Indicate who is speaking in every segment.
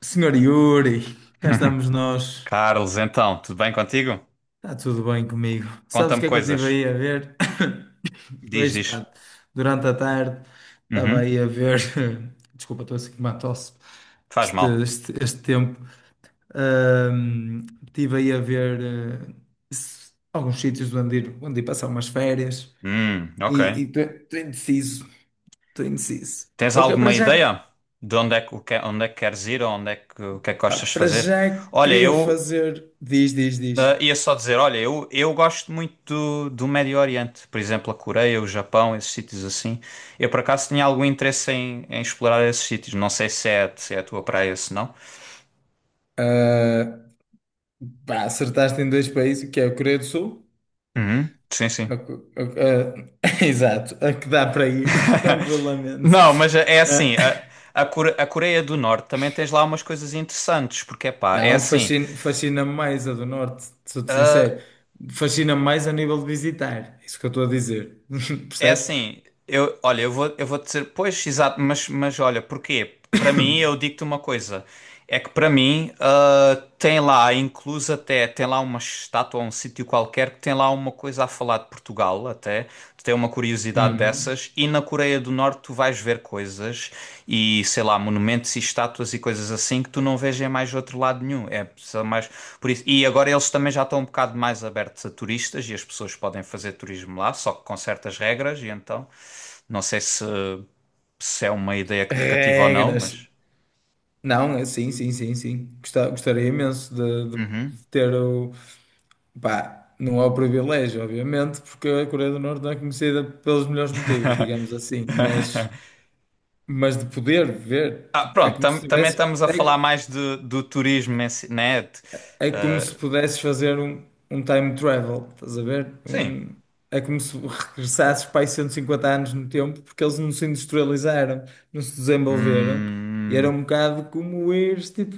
Speaker 1: Senhor Yuri, cá estamos nós.
Speaker 2: Carlos, então, tudo bem contigo?
Speaker 1: Está tudo bem comigo. Sabes o
Speaker 2: Conta-me
Speaker 1: que é que eu
Speaker 2: coisas.
Speaker 1: estive aí a ver?
Speaker 2: Diz,
Speaker 1: Vejo, pá,
Speaker 2: diz.
Speaker 1: durante a tarde estava
Speaker 2: Uhum.
Speaker 1: aí a ver. Desculpa, estou assim com uma tosse.
Speaker 2: Faz
Speaker 1: Este,
Speaker 2: mal.
Speaker 1: este, este tempo. Estive aí a ver alguns sítios onde ir, passar umas férias
Speaker 2: Ok.
Speaker 1: e estou indeciso. Estou indeciso.
Speaker 2: Tens
Speaker 1: Eu que-
Speaker 2: alguma
Speaker 1: para já,
Speaker 2: ideia de onde é que, o que- onde é que queres ir ou onde é que, o que é que
Speaker 1: pá,
Speaker 2: gostas de
Speaker 1: para
Speaker 2: fazer?
Speaker 1: já
Speaker 2: Olha,
Speaker 1: queria
Speaker 2: eu
Speaker 1: fazer. Diz, diz, diz.
Speaker 2: ia só dizer, olha, eu gosto muito do Médio Oriente, por exemplo, a Coreia, o Japão, esses sítios assim. Eu por acaso tinha algum interesse em explorar esses sítios. Não sei se é, a tua praia, se não.
Speaker 1: Ah, pá, acertaste em dois países, que é a Coreia do Sul.
Speaker 2: Uhum. Sim, sim.
Speaker 1: A co- a- Exato, a que dá para ir tranquilamente.
Speaker 2: Não, mas é
Speaker 1: Ah,
Speaker 2: assim, a Coreia do Norte também tens lá umas coisas interessantes, porque é pá, é
Speaker 1: não,
Speaker 2: assim,
Speaker 1: fascina-me mais a do Norte, sou-te sincero. Fascina-me mais a nível de visitar. É isso que eu estou a dizer.
Speaker 2: é
Speaker 1: Percebes?
Speaker 2: assim, eu, olha, eu vou dizer, pois, exato, mas olha, porquê? Para mim, eu digo-te uma coisa. É que para mim, tem lá, incluso até, tem lá uma estátua, um sítio qualquer, que tem lá uma coisa a falar de Portugal, até. Tu tem uma curiosidade
Speaker 1: Uhum.
Speaker 2: dessas. E na Coreia do Norte tu vais ver coisas e, sei lá, monumentos e estátuas e coisas assim que tu não vês em mais outro lado nenhum. É só mais por isso. E agora eles também já estão um bocado mais abertos a turistas e as pessoas podem fazer turismo lá, só que com certas regras. E então, não sei se é uma ideia que te cativa ou não,
Speaker 1: Regras.
Speaker 2: mas.
Speaker 1: Não, sim, sim, sim, sim. Gostaria imenso de,
Speaker 2: Uhum.
Speaker 1: de ter o. Pá, não é o privilégio, obviamente, porque a Coreia do Norte não é conhecida pelos melhores motivos, digamos assim, mas. Mas de poder ver,
Speaker 2: Ah,
Speaker 1: tipo, é
Speaker 2: pronto,
Speaker 1: como
Speaker 2: tam-
Speaker 1: se
Speaker 2: também
Speaker 1: tivesse,
Speaker 2: estamos a falar
Speaker 1: é,
Speaker 2: mais do turismo, em si, né?
Speaker 1: é como se pudesses fazer um time travel, estás a ver?
Speaker 2: Sim.
Speaker 1: Um, é como se regressasses para aí 150 anos no tempo, porque eles não se industrializaram, não se desenvolveram, e era
Speaker 2: Hum,
Speaker 1: um bocado como ires, tipo,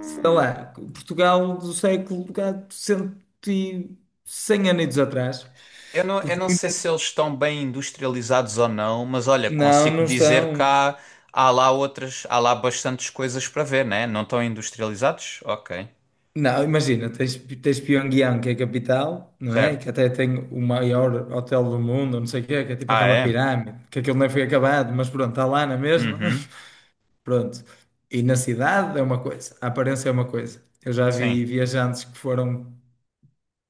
Speaker 1: sei lá, Portugal do século cá, cento e 100 anos atrás,
Speaker 2: eu não, eu
Speaker 1: porque
Speaker 2: não sei se
Speaker 1: muitas.
Speaker 2: eles estão bem industrializados ou não, mas olha,
Speaker 1: Não,
Speaker 2: consigo
Speaker 1: não
Speaker 2: dizer que
Speaker 1: estão.
Speaker 2: há lá outras, há lá bastantes coisas para ver, né? Não estão industrializados? Ok,
Speaker 1: Não, imagina, tens Pyongyang, que é a capital, não é?
Speaker 2: certo.
Speaker 1: Que até tem o maior hotel do mundo, não sei o quê, que é tipo
Speaker 2: Ah,
Speaker 1: aquela
Speaker 2: é?
Speaker 1: pirâmide, que aquilo nem foi acabado, mas pronto, está lá na mesma.
Speaker 2: Uhum,
Speaker 1: Pronto. E na cidade é uma coisa, a aparência é uma coisa. Eu já
Speaker 2: sim.
Speaker 1: vi viajantes que foram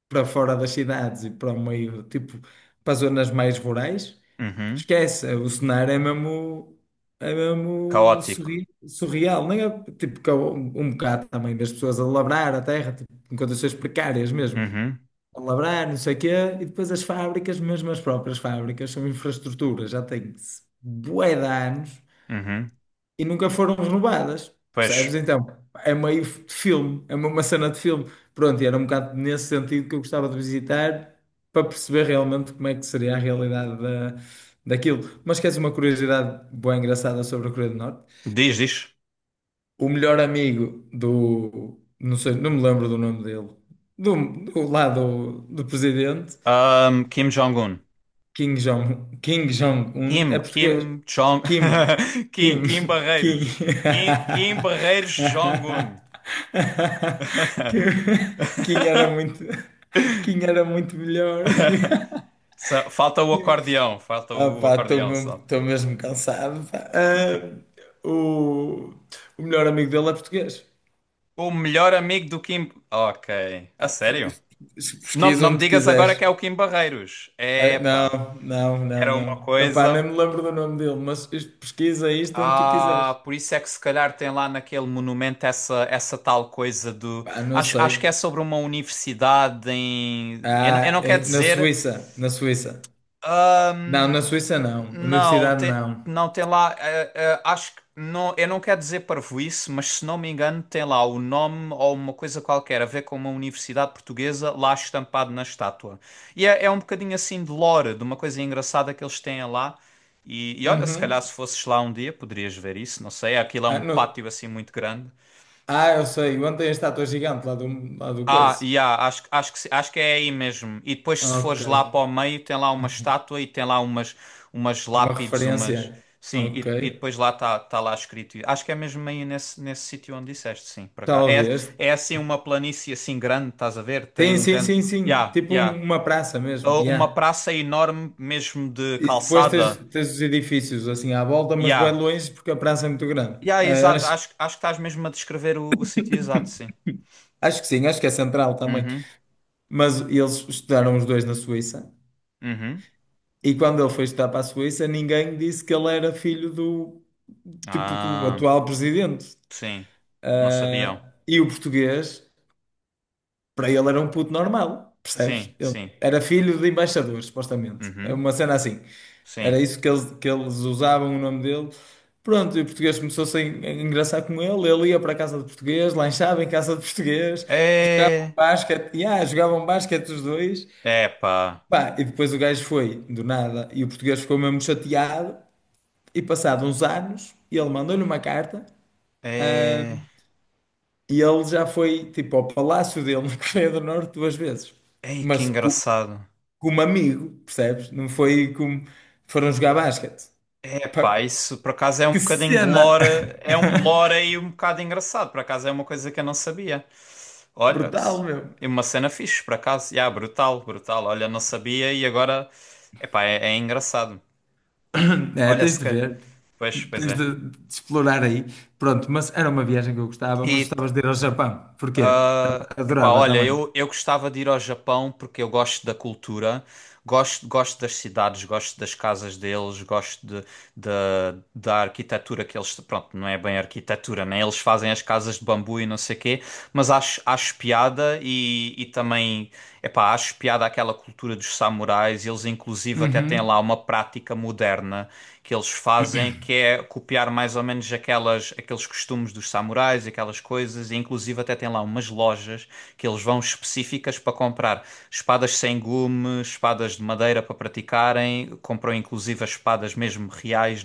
Speaker 1: para fora das cidades e para o meio, tipo, para as zonas mais rurais,
Speaker 2: Uhum.
Speaker 1: esquece, o cenário é mesmo
Speaker 2: Caótico.
Speaker 1: surreal, nem é? Tipo, que é um bocado também das pessoas a labrar a terra, tipo, em condições precárias mesmo,
Speaker 2: Uhum,
Speaker 1: a labrar, não sei o quê, e depois as fábricas, mesmo as próprias fábricas, são infraestruturas, já têm bué de anos
Speaker 2: uhum.
Speaker 1: e nunca foram renovadas,
Speaker 2: Pois,
Speaker 1: percebes? Então, é meio de filme, é uma cena de filme. Pronto, e era um bocado nesse sentido que eu gostava de visitar para perceber realmente como é que seria a realidade daquilo. Mas queres uma curiosidade boa engraçada sobre a Coreia do Norte?
Speaker 2: diz, diz.
Speaker 1: O melhor amigo do, não sei, não me lembro do nome dele, do, do lá do presidente,
Speaker 2: Kim Jong-un.
Speaker 1: Kim Jong-un
Speaker 2: Kim,
Speaker 1: é português.
Speaker 2: Kim Jong...
Speaker 1: Kim,
Speaker 2: Kim,
Speaker 1: Kim,
Speaker 2: Kim
Speaker 1: Kim.
Speaker 2: Barreiros. Kim, Kim Barreiros Jong-un.
Speaker 1: Kim, Kim era muito, Kim era muito melhor. Kim.
Speaker 2: Falta
Speaker 1: Ah,
Speaker 2: o
Speaker 1: pá, estou
Speaker 2: acordeão
Speaker 1: mesmo,
Speaker 2: só.
Speaker 1: estou mesmo cansado. Pá. Ah, o, o melhor amigo dele é português.
Speaker 2: O melhor amigo do Kim... Ok, a
Speaker 1: Ah,
Speaker 2: sério? Não,
Speaker 1: pesquisa
Speaker 2: não me
Speaker 1: onde
Speaker 2: digas agora
Speaker 1: quiseres.
Speaker 2: que é o Kim Barreiros.
Speaker 1: Ah,
Speaker 2: Epá,
Speaker 1: não, não, não,
Speaker 2: era uma
Speaker 1: não. Epá, nem
Speaker 2: coisa...
Speaker 1: me lembro do nome dele, mas pesquisa isto onde tu quiseres.
Speaker 2: Ah, por isso é que se calhar tem lá naquele monumento essa, tal coisa do...
Speaker 1: Pá, não
Speaker 2: Acho que é
Speaker 1: sei.
Speaker 2: sobre uma universidade em... Eu
Speaker 1: Ah,
Speaker 2: não quero
Speaker 1: na
Speaker 2: dizer...
Speaker 1: Suíça, na Suíça. Não, na
Speaker 2: Ahn,
Speaker 1: Suíça não.
Speaker 2: não,
Speaker 1: Universidade
Speaker 2: tem,
Speaker 1: não.
Speaker 2: não tem lá. Acho que não, eu não quero dizer parvoíce, mas se não me engano, tem lá o nome ou uma coisa qualquer a ver com uma universidade portuguesa lá estampado na estátua. E é um bocadinho assim de lore, de uma coisa engraçada que eles têm lá. E olha, se calhar
Speaker 1: Uhum.
Speaker 2: se fosses lá um dia poderias ver isso, não sei. Aquilo é
Speaker 1: Ah,
Speaker 2: um pátio assim muito grande.
Speaker 1: eu sei. Ontem tem a estátua gigante lá do
Speaker 2: Ah,
Speaker 1: coice.
Speaker 2: yeah, acho, acho que, se- acho que é aí mesmo. E depois, se
Speaker 1: Ok.
Speaker 2: fores lá para o meio, tem lá uma estátua e tem lá umas, umas
Speaker 1: Uma
Speaker 2: lápides, umas.
Speaker 1: referência.
Speaker 2: Sim,
Speaker 1: Ok.
Speaker 2: e depois lá está lá escrito. Acho que é mesmo aí nesse, nesse sítio onde disseste, sim, para cá. É,
Speaker 1: Talvez.
Speaker 2: é assim uma planície assim grande, estás a ver? Tem
Speaker 1: Tem,
Speaker 2: um
Speaker 1: sim,
Speaker 2: género.
Speaker 1: sim, sim.
Speaker 2: Yeah,
Speaker 1: Tipo
Speaker 2: yeah.
Speaker 1: uma praça mesmo.
Speaker 2: Ou uma
Speaker 1: Yeah.
Speaker 2: praça enorme mesmo de
Speaker 1: E depois tens,
Speaker 2: calçada.
Speaker 1: tens os edifícios assim à volta, mas bué
Speaker 2: Yeah.
Speaker 1: longe porque a praça é muito grande.
Speaker 2: Yeah,
Speaker 1: Ah,
Speaker 2: exato.
Speaker 1: acho,
Speaker 2: Acho que estás mesmo a descrever o sítio exato, sim.
Speaker 1: acho que sim, acho que é central também.
Speaker 2: Uhum,
Speaker 1: Mas eles estudaram os dois na Suíça.
Speaker 2: uhum.
Speaker 1: E quando ele foi estudar para a Suíça, ninguém disse que ele era filho do, tipo, do
Speaker 2: Ah,
Speaker 1: atual presidente.
Speaker 2: sim. Não sabiam.
Speaker 1: Ah, e o português, para ele era um puto normal, percebes?
Speaker 2: Sim,
Speaker 1: Ele
Speaker 2: sim.
Speaker 1: era filho de embaixadores, supostamente. É
Speaker 2: Uhum,
Speaker 1: uma cena assim.
Speaker 2: sim.
Speaker 1: Era isso que eles usavam o nome dele. Pronto, e o português começou-se a engraçar com ele. Ele ia para a casa de português, lanchava em casa de português, jogavam
Speaker 2: É.
Speaker 1: basquete, yeah, jogavam basquete os dois.
Speaker 2: É, pá.
Speaker 1: Pá, e depois o gajo foi, do nada, e o português ficou mesmo chateado. E passado uns anos, ele mandou-lhe uma carta, ah,
Speaker 2: É.
Speaker 1: e ele já foi tipo ao palácio dele na Coreia do Norte duas vezes.
Speaker 2: Ei, que
Speaker 1: Mas co-
Speaker 2: engraçado.
Speaker 1: como amigo, percebes? Não foi como foram jogar basquete.
Speaker 2: É, pá,
Speaker 1: Pá,
Speaker 2: isso por acaso é um
Speaker 1: que
Speaker 2: bocadinho de
Speaker 1: cena!
Speaker 2: lore. É um lore aí um bocado engraçado. Por acaso é uma coisa que eu não sabia. Olha,
Speaker 1: Brutal, meu.
Speaker 2: é uma cena fixe, por acaso. Yeah, brutal, brutal. Olha, não sabia e agora. É, pá, é engraçado.
Speaker 1: É,
Speaker 2: Olha,
Speaker 1: tens
Speaker 2: se
Speaker 1: de
Speaker 2: ca...
Speaker 1: ver.
Speaker 2: Pois, pois
Speaker 1: Tens
Speaker 2: é.
Speaker 1: de explorar aí. Pronto, mas era uma viagem que eu gostava, mas
Speaker 2: E
Speaker 1: gostavas de ir ao Japão. Porquê? Tam-
Speaker 2: ah, epá,
Speaker 1: Adorava
Speaker 2: olha,
Speaker 1: também.
Speaker 2: eu gostava de ir ao Japão porque eu gosto da cultura, gosto das cidades, gosto das casas deles, gosto de, da da arquitetura que eles. Pronto, não é bem arquitetura, né? Eles fazem as casas de bambu e não sei quê, mas acho piada e também, epá, acho piada aquela cultura dos samurais. Eles, inclusive, até têm
Speaker 1: Uhum.
Speaker 2: lá uma prática moderna que eles fazem, que é copiar mais ou menos aqueles costumes dos samurais e aquelas coisas, e inclusive até tem lá umas lojas que eles vão específicas para comprar espadas sem gume, espadas de madeira para praticarem, compram inclusive as espadas mesmo reais,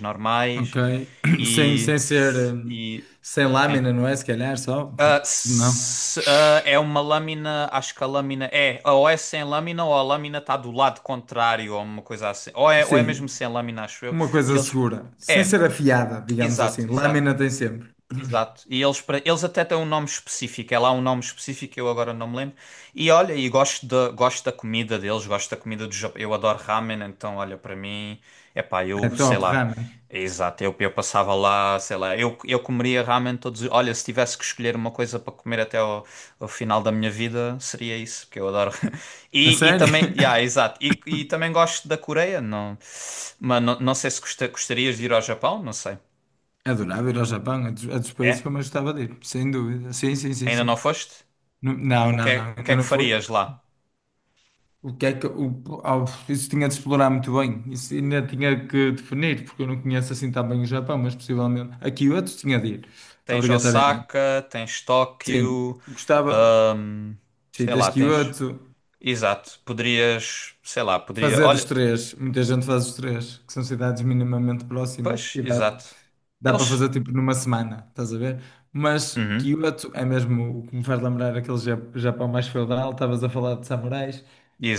Speaker 1: Ok.
Speaker 2: normais,
Speaker 1: Sem,
Speaker 2: e,
Speaker 1: sem ser,
Speaker 2: e
Speaker 1: sem
Speaker 2: sim.
Speaker 1: lâmina, não é? Se calhar só,
Speaker 2: Ah,
Speaker 1: porque não.
Speaker 2: é uma lâmina, acho que a lâmina é, ou é sem lâmina ou a lâmina está do lado contrário ou uma coisa assim, ou é mesmo
Speaker 1: Sim,
Speaker 2: sem lâmina, acho eu,
Speaker 1: uma
Speaker 2: e
Speaker 1: coisa
Speaker 2: eles,
Speaker 1: segura. Sem
Speaker 2: é.
Speaker 1: ser afiada, digamos assim.
Speaker 2: Exato, exato,
Speaker 1: Lâmina tem sempre.
Speaker 2: exato. E eles, eles até têm um nome específico. É lá um nome específico, que eu agora não me lembro. E olha, e gosto da comida deles, gosto da comida do Japão. Eu adoro ramen, então olha, para mim, é pá,
Speaker 1: É
Speaker 2: eu sei
Speaker 1: top,
Speaker 2: lá.
Speaker 1: ramen.
Speaker 2: Exato, eu passava lá, sei lá, eu comeria ramen todos. Olha, se tivesse que escolher uma coisa para comer até ao final da minha vida, seria isso, porque eu adoro.
Speaker 1: A
Speaker 2: E
Speaker 1: sério?
Speaker 2: também, yeah, exato. E também gosto da Coreia, não, mas não, não sei se gostarias de ir ao Japão, não sei.
Speaker 1: Adorava ir ao Japão, é dos países que
Speaker 2: É?
Speaker 1: eu mais gostava de ir, sem dúvida. Sim, sim, sim,
Speaker 2: Ainda
Speaker 1: sim.
Speaker 2: não foste?
Speaker 1: Não,
Speaker 2: O que
Speaker 1: não,
Speaker 2: é,
Speaker 1: não,
Speaker 2: o que é
Speaker 1: ainda
Speaker 2: que
Speaker 1: não foi.
Speaker 2: farias lá?
Speaker 1: O que é que o, ao- isso tinha de explorar muito bem, isso ainda tinha que definir, porque eu não conheço assim tão bem o Japão, mas possivelmente a Kyoto tinha de ir,
Speaker 2: Tens
Speaker 1: obrigatoriamente.
Speaker 2: Osaka, tens
Speaker 1: Sim,
Speaker 2: Tóquio,
Speaker 1: gostava.
Speaker 2: hum,
Speaker 1: Sim,
Speaker 2: sei
Speaker 1: tens
Speaker 2: lá, tens.
Speaker 1: Kyoto,
Speaker 2: Exato. Poderias, sei lá, poderia.
Speaker 1: fazer os
Speaker 2: Olha,
Speaker 1: três. Muita gente faz os três, que são cidades minimamente próximas
Speaker 2: pois,
Speaker 1: e dá,
Speaker 2: exato.
Speaker 1: dá para
Speaker 2: Eles.
Speaker 1: fazer tipo numa semana, estás a ver? Mas
Speaker 2: Uhum,
Speaker 1: Kyoto é mesmo o que me faz lembrar aquele Japão mais feudal, estavas a falar de samurais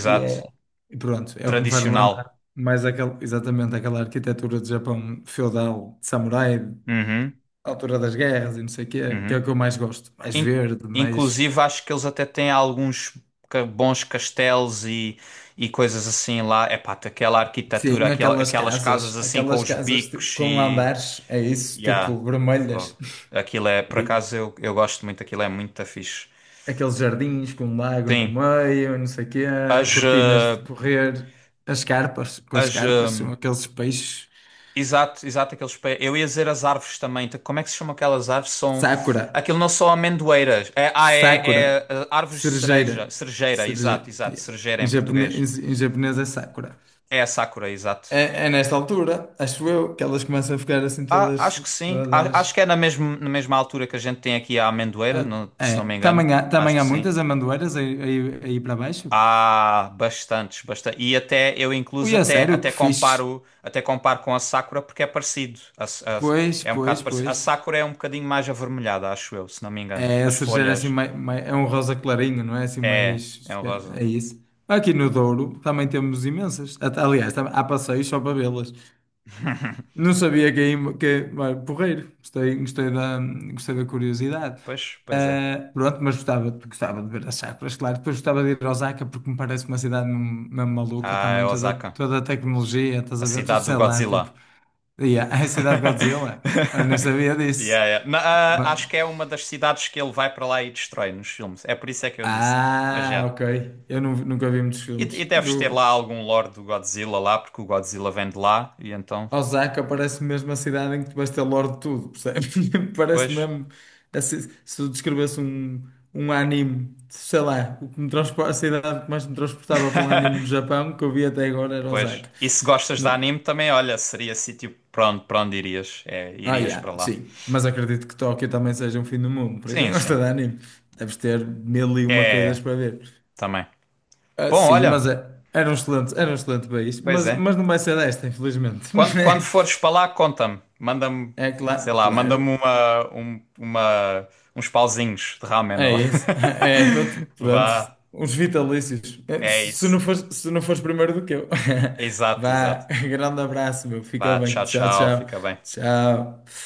Speaker 1: e é. E pronto, é o que me faz lembrar
Speaker 2: Tradicional.
Speaker 1: mais aquele, exatamente aquela arquitetura de Japão feudal, de samurai,
Speaker 2: Uhum,
Speaker 1: altura das guerras e não sei o quê, que é
Speaker 2: uhum.
Speaker 1: o que eu mais gosto. Mais
Speaker 2: In-
Speaker 1: verde, mais.
Speaker 2: inclusive, acho que eles até têm alguns bons castelos e coisas assim lá. Epá, aquela arquitetura,
Speaker 1: Sim,
Speaker 2: aquela, aquelas casas assim com
Speaker 1: aquelas
Speaker 2: os
Speaker 1: casas tipo,
Speaker 2: bicos
Speaker 1: com
Speaker 2: e.
Speaker 1: andares, é isso,
Speaker 2: Yeah.
Speaker 1: tipo vermelhas.
Speaker 2: Fogo. Aquilo é, por
Speaker 1: E
Speaker 2: acaso eu gosto muito, aquilo é muito fixe.
Speaker 1: aqueles jardins com um lago no
Speaker 2: Sim,
Speaker 1: meio, não sei o quê,
Speaker 2: as,
Speaker 1: cortinas
Speaker 2: eh,
Speaker 1: de correr, as carpas, com as
Speaker 2: as,
Speaker 1: carpas
Speaker 2: eh,
Speaker 1: são aqueles peixes.
Speaker 2: exato, exato, aqueles pés. Eu ia dizer as árvores também. Então, como é que se chamam aquelas árvores? São,
Speaker 1: Sakura,
Speaker 2: aquilo não são amendoeiras. É, ah, é,
Speaker 1: Sakura,
Speaker 2: é, eh, árvores de cereja,
Speaker 1: cerejeira,
Speaker 2: cerejeira,
Speaker 1: cerejeira.
Speaker 2: exato, exato,
Speaker 1: Yeah.
Speaker 2: cerejeira
Speaker 1: Em
Speaker 2: em português.
Speaker 1: japonês, em japonês é Sakura.
Speaker 2: É a sakura, exato.
Speaker 1: É, é nesta altura, acho eu, que elas começam a ficar assim
Speaker 2: Ah, acho
Speaker 1: todas,
Speaker 2: que sim. Acho que
Speaker 1: todas.
Speaker 2: é na mesma, altura que a gente tem aqui a amendoeira,
Speaker 1: Ah,
Speaker 2: se
Speaker 1: é,
Speaker 2: não me engano.
Speaker 1: também há,
Speaker 2: Acho
Speaker 1: também
Speaker 2: que
Speaker 1: há
Speaker 2: sim.
Speaker 1: muitas amendoeiras aí, aí, aí para baixo.
Speaker 2: Ah, bastantes, bastante. E até eu incluso
Speaker 1: Ui, a
Speaker 2: até
Speaker 1: sério,
Speaker 2: até
Speaker 1: que fixe.
Speaker 2: comparo, até comparo com a Sakura porque é parecido. A
Speaker 1: Pois,
Speaker 2: é um bocado
Speaker 1: pois,
Speaker 2: parecido. A
Speaker 1: pois.
Speaker 2: Sakura é um bocadinho mais avermelhada, acho eu, se não me engano.
Speaker 1: É, a
Speaker 2: As
Speaker 1: cerejeira assim,
Speaker 2: folhas
Speaker 1: é um rosa clarinho, não é? Assim,
Speaker 2: é
Speaker 1: mais.
Speaker 2: um rosa.
Speaker 1: É isso. Aqui no Douro também temos imensas. Aliás, há passeios só para vê-las. Não sabia que é vai, porreiro. Gostei da curiosidade.
Speaker 2: Pois, pois é.
Speaker 1: Ah, pronto, mas gostava de ver as chacras, claro. Depois gostava de ir a Osaka porque me parece uma cidade mesmo mesmo maluca
Speaker 2: Ah, é
Speaker 1: também, toda,
Speaker 2: Osaka,
Speaker 1: toda a tecnologia, estás
Speaker 2: a
Speaker 1: a ver? Tudo,
Speaker 2: cidade do
Speaker 1: sei lá, tipo,
Speaker 2: Godzilla.
Speaker 1: yeah, é a cidade de Godzilla. Eu não sabia disso.
Speaker 2: Yeah, yeah. Na- ah,
Speaker 1: Mas-
Speaker 2: acho que é uma das cidades que ele vai para lá e destrói nos filmes. É por isso é que eu disse. Mas
Speaker 1: Ah,
Speaker 2: já.
Speaker 1: ok. Eu nunca vi muitos
Speaker 2: E
Speaker 1: filmes do,
Speaker 2: deves ter lá algum lore do Godzilla lá, porque o Godzilla vem de lá e então.
Speaker 1: Osaka parece mesmo a cidade em que tu vais ter lore de tudo, percebes? Parece
Speaker 2: Pois,
Speaker 1: mesmo. Assim, se eu descrevesse um anime, sei lá, o que me a cidade que mais me transportava para um anime no Japão que eu vi até agora era
Speaker 2: pois.
Speaker 1: Osaka.
Speaker 2: E se gostas de
Speaker 1: No-
Speaker 2: anime também, olha, seria sítio para onde irias. É,
Speaker 1: Ah,
Speaker 2: irias para
Speaker 1: yeah,
Speaker 2: lá.
Speaker 1: sim. Mas acredito que Tóquio também seja um fim do mundo. Para quem
Speaker 2: Sim, sim.
Speaker 1: gosta de anime, deves ter mil e uma coisas
Speaker 2: É,
Speaker 1: para ver.
Speaker 2: também.
Speaker 1: Ah,
Speaker 2: Bom,
Speaker 1: sim,
Speaker 2: olha,
Speaker 1: mas era um excelente país.
Speaker 2: pois
Speaker 1: Mas,
Speaker 2: é.
Speaker 1: mas não vai ser desta, infelizmente.
Speaker 2: Quando fores para lá, conta-me. Manda-me,
Speaker 1: É
Speaker 2: sei
Speaker 1: claro,
Speaker 2: lá,
Speaker 1: claro.
Speaker 2: manda-me uns pauzinhos de ramen.
Speaker 1: É
Speaker 2: Ó.
Speaker 1: isso. É, pronto. Pronto.
Speaker 2: Vá,
Speaker 1: Uns vitalícios. É,
Speaker 2: é
Speaker 1: Se se
Speaker 2: isso.
Speaker 1: não fores, se não fores primeiro do que eu.
Speaker 2: Exato,
Speaker 1: Vá,
Speaker 2: exato.
Speaker 1: grande abraço, meu. Fica
Speaker 2: Vá,
Speaker 1: bem.
Speaker 2: tchau,
Speaker 1: Tchau,
Speaker 2: tchau.
Speaker 1: tchau.
Speaker 2: Fica bem.
Speaker 1: Tchau.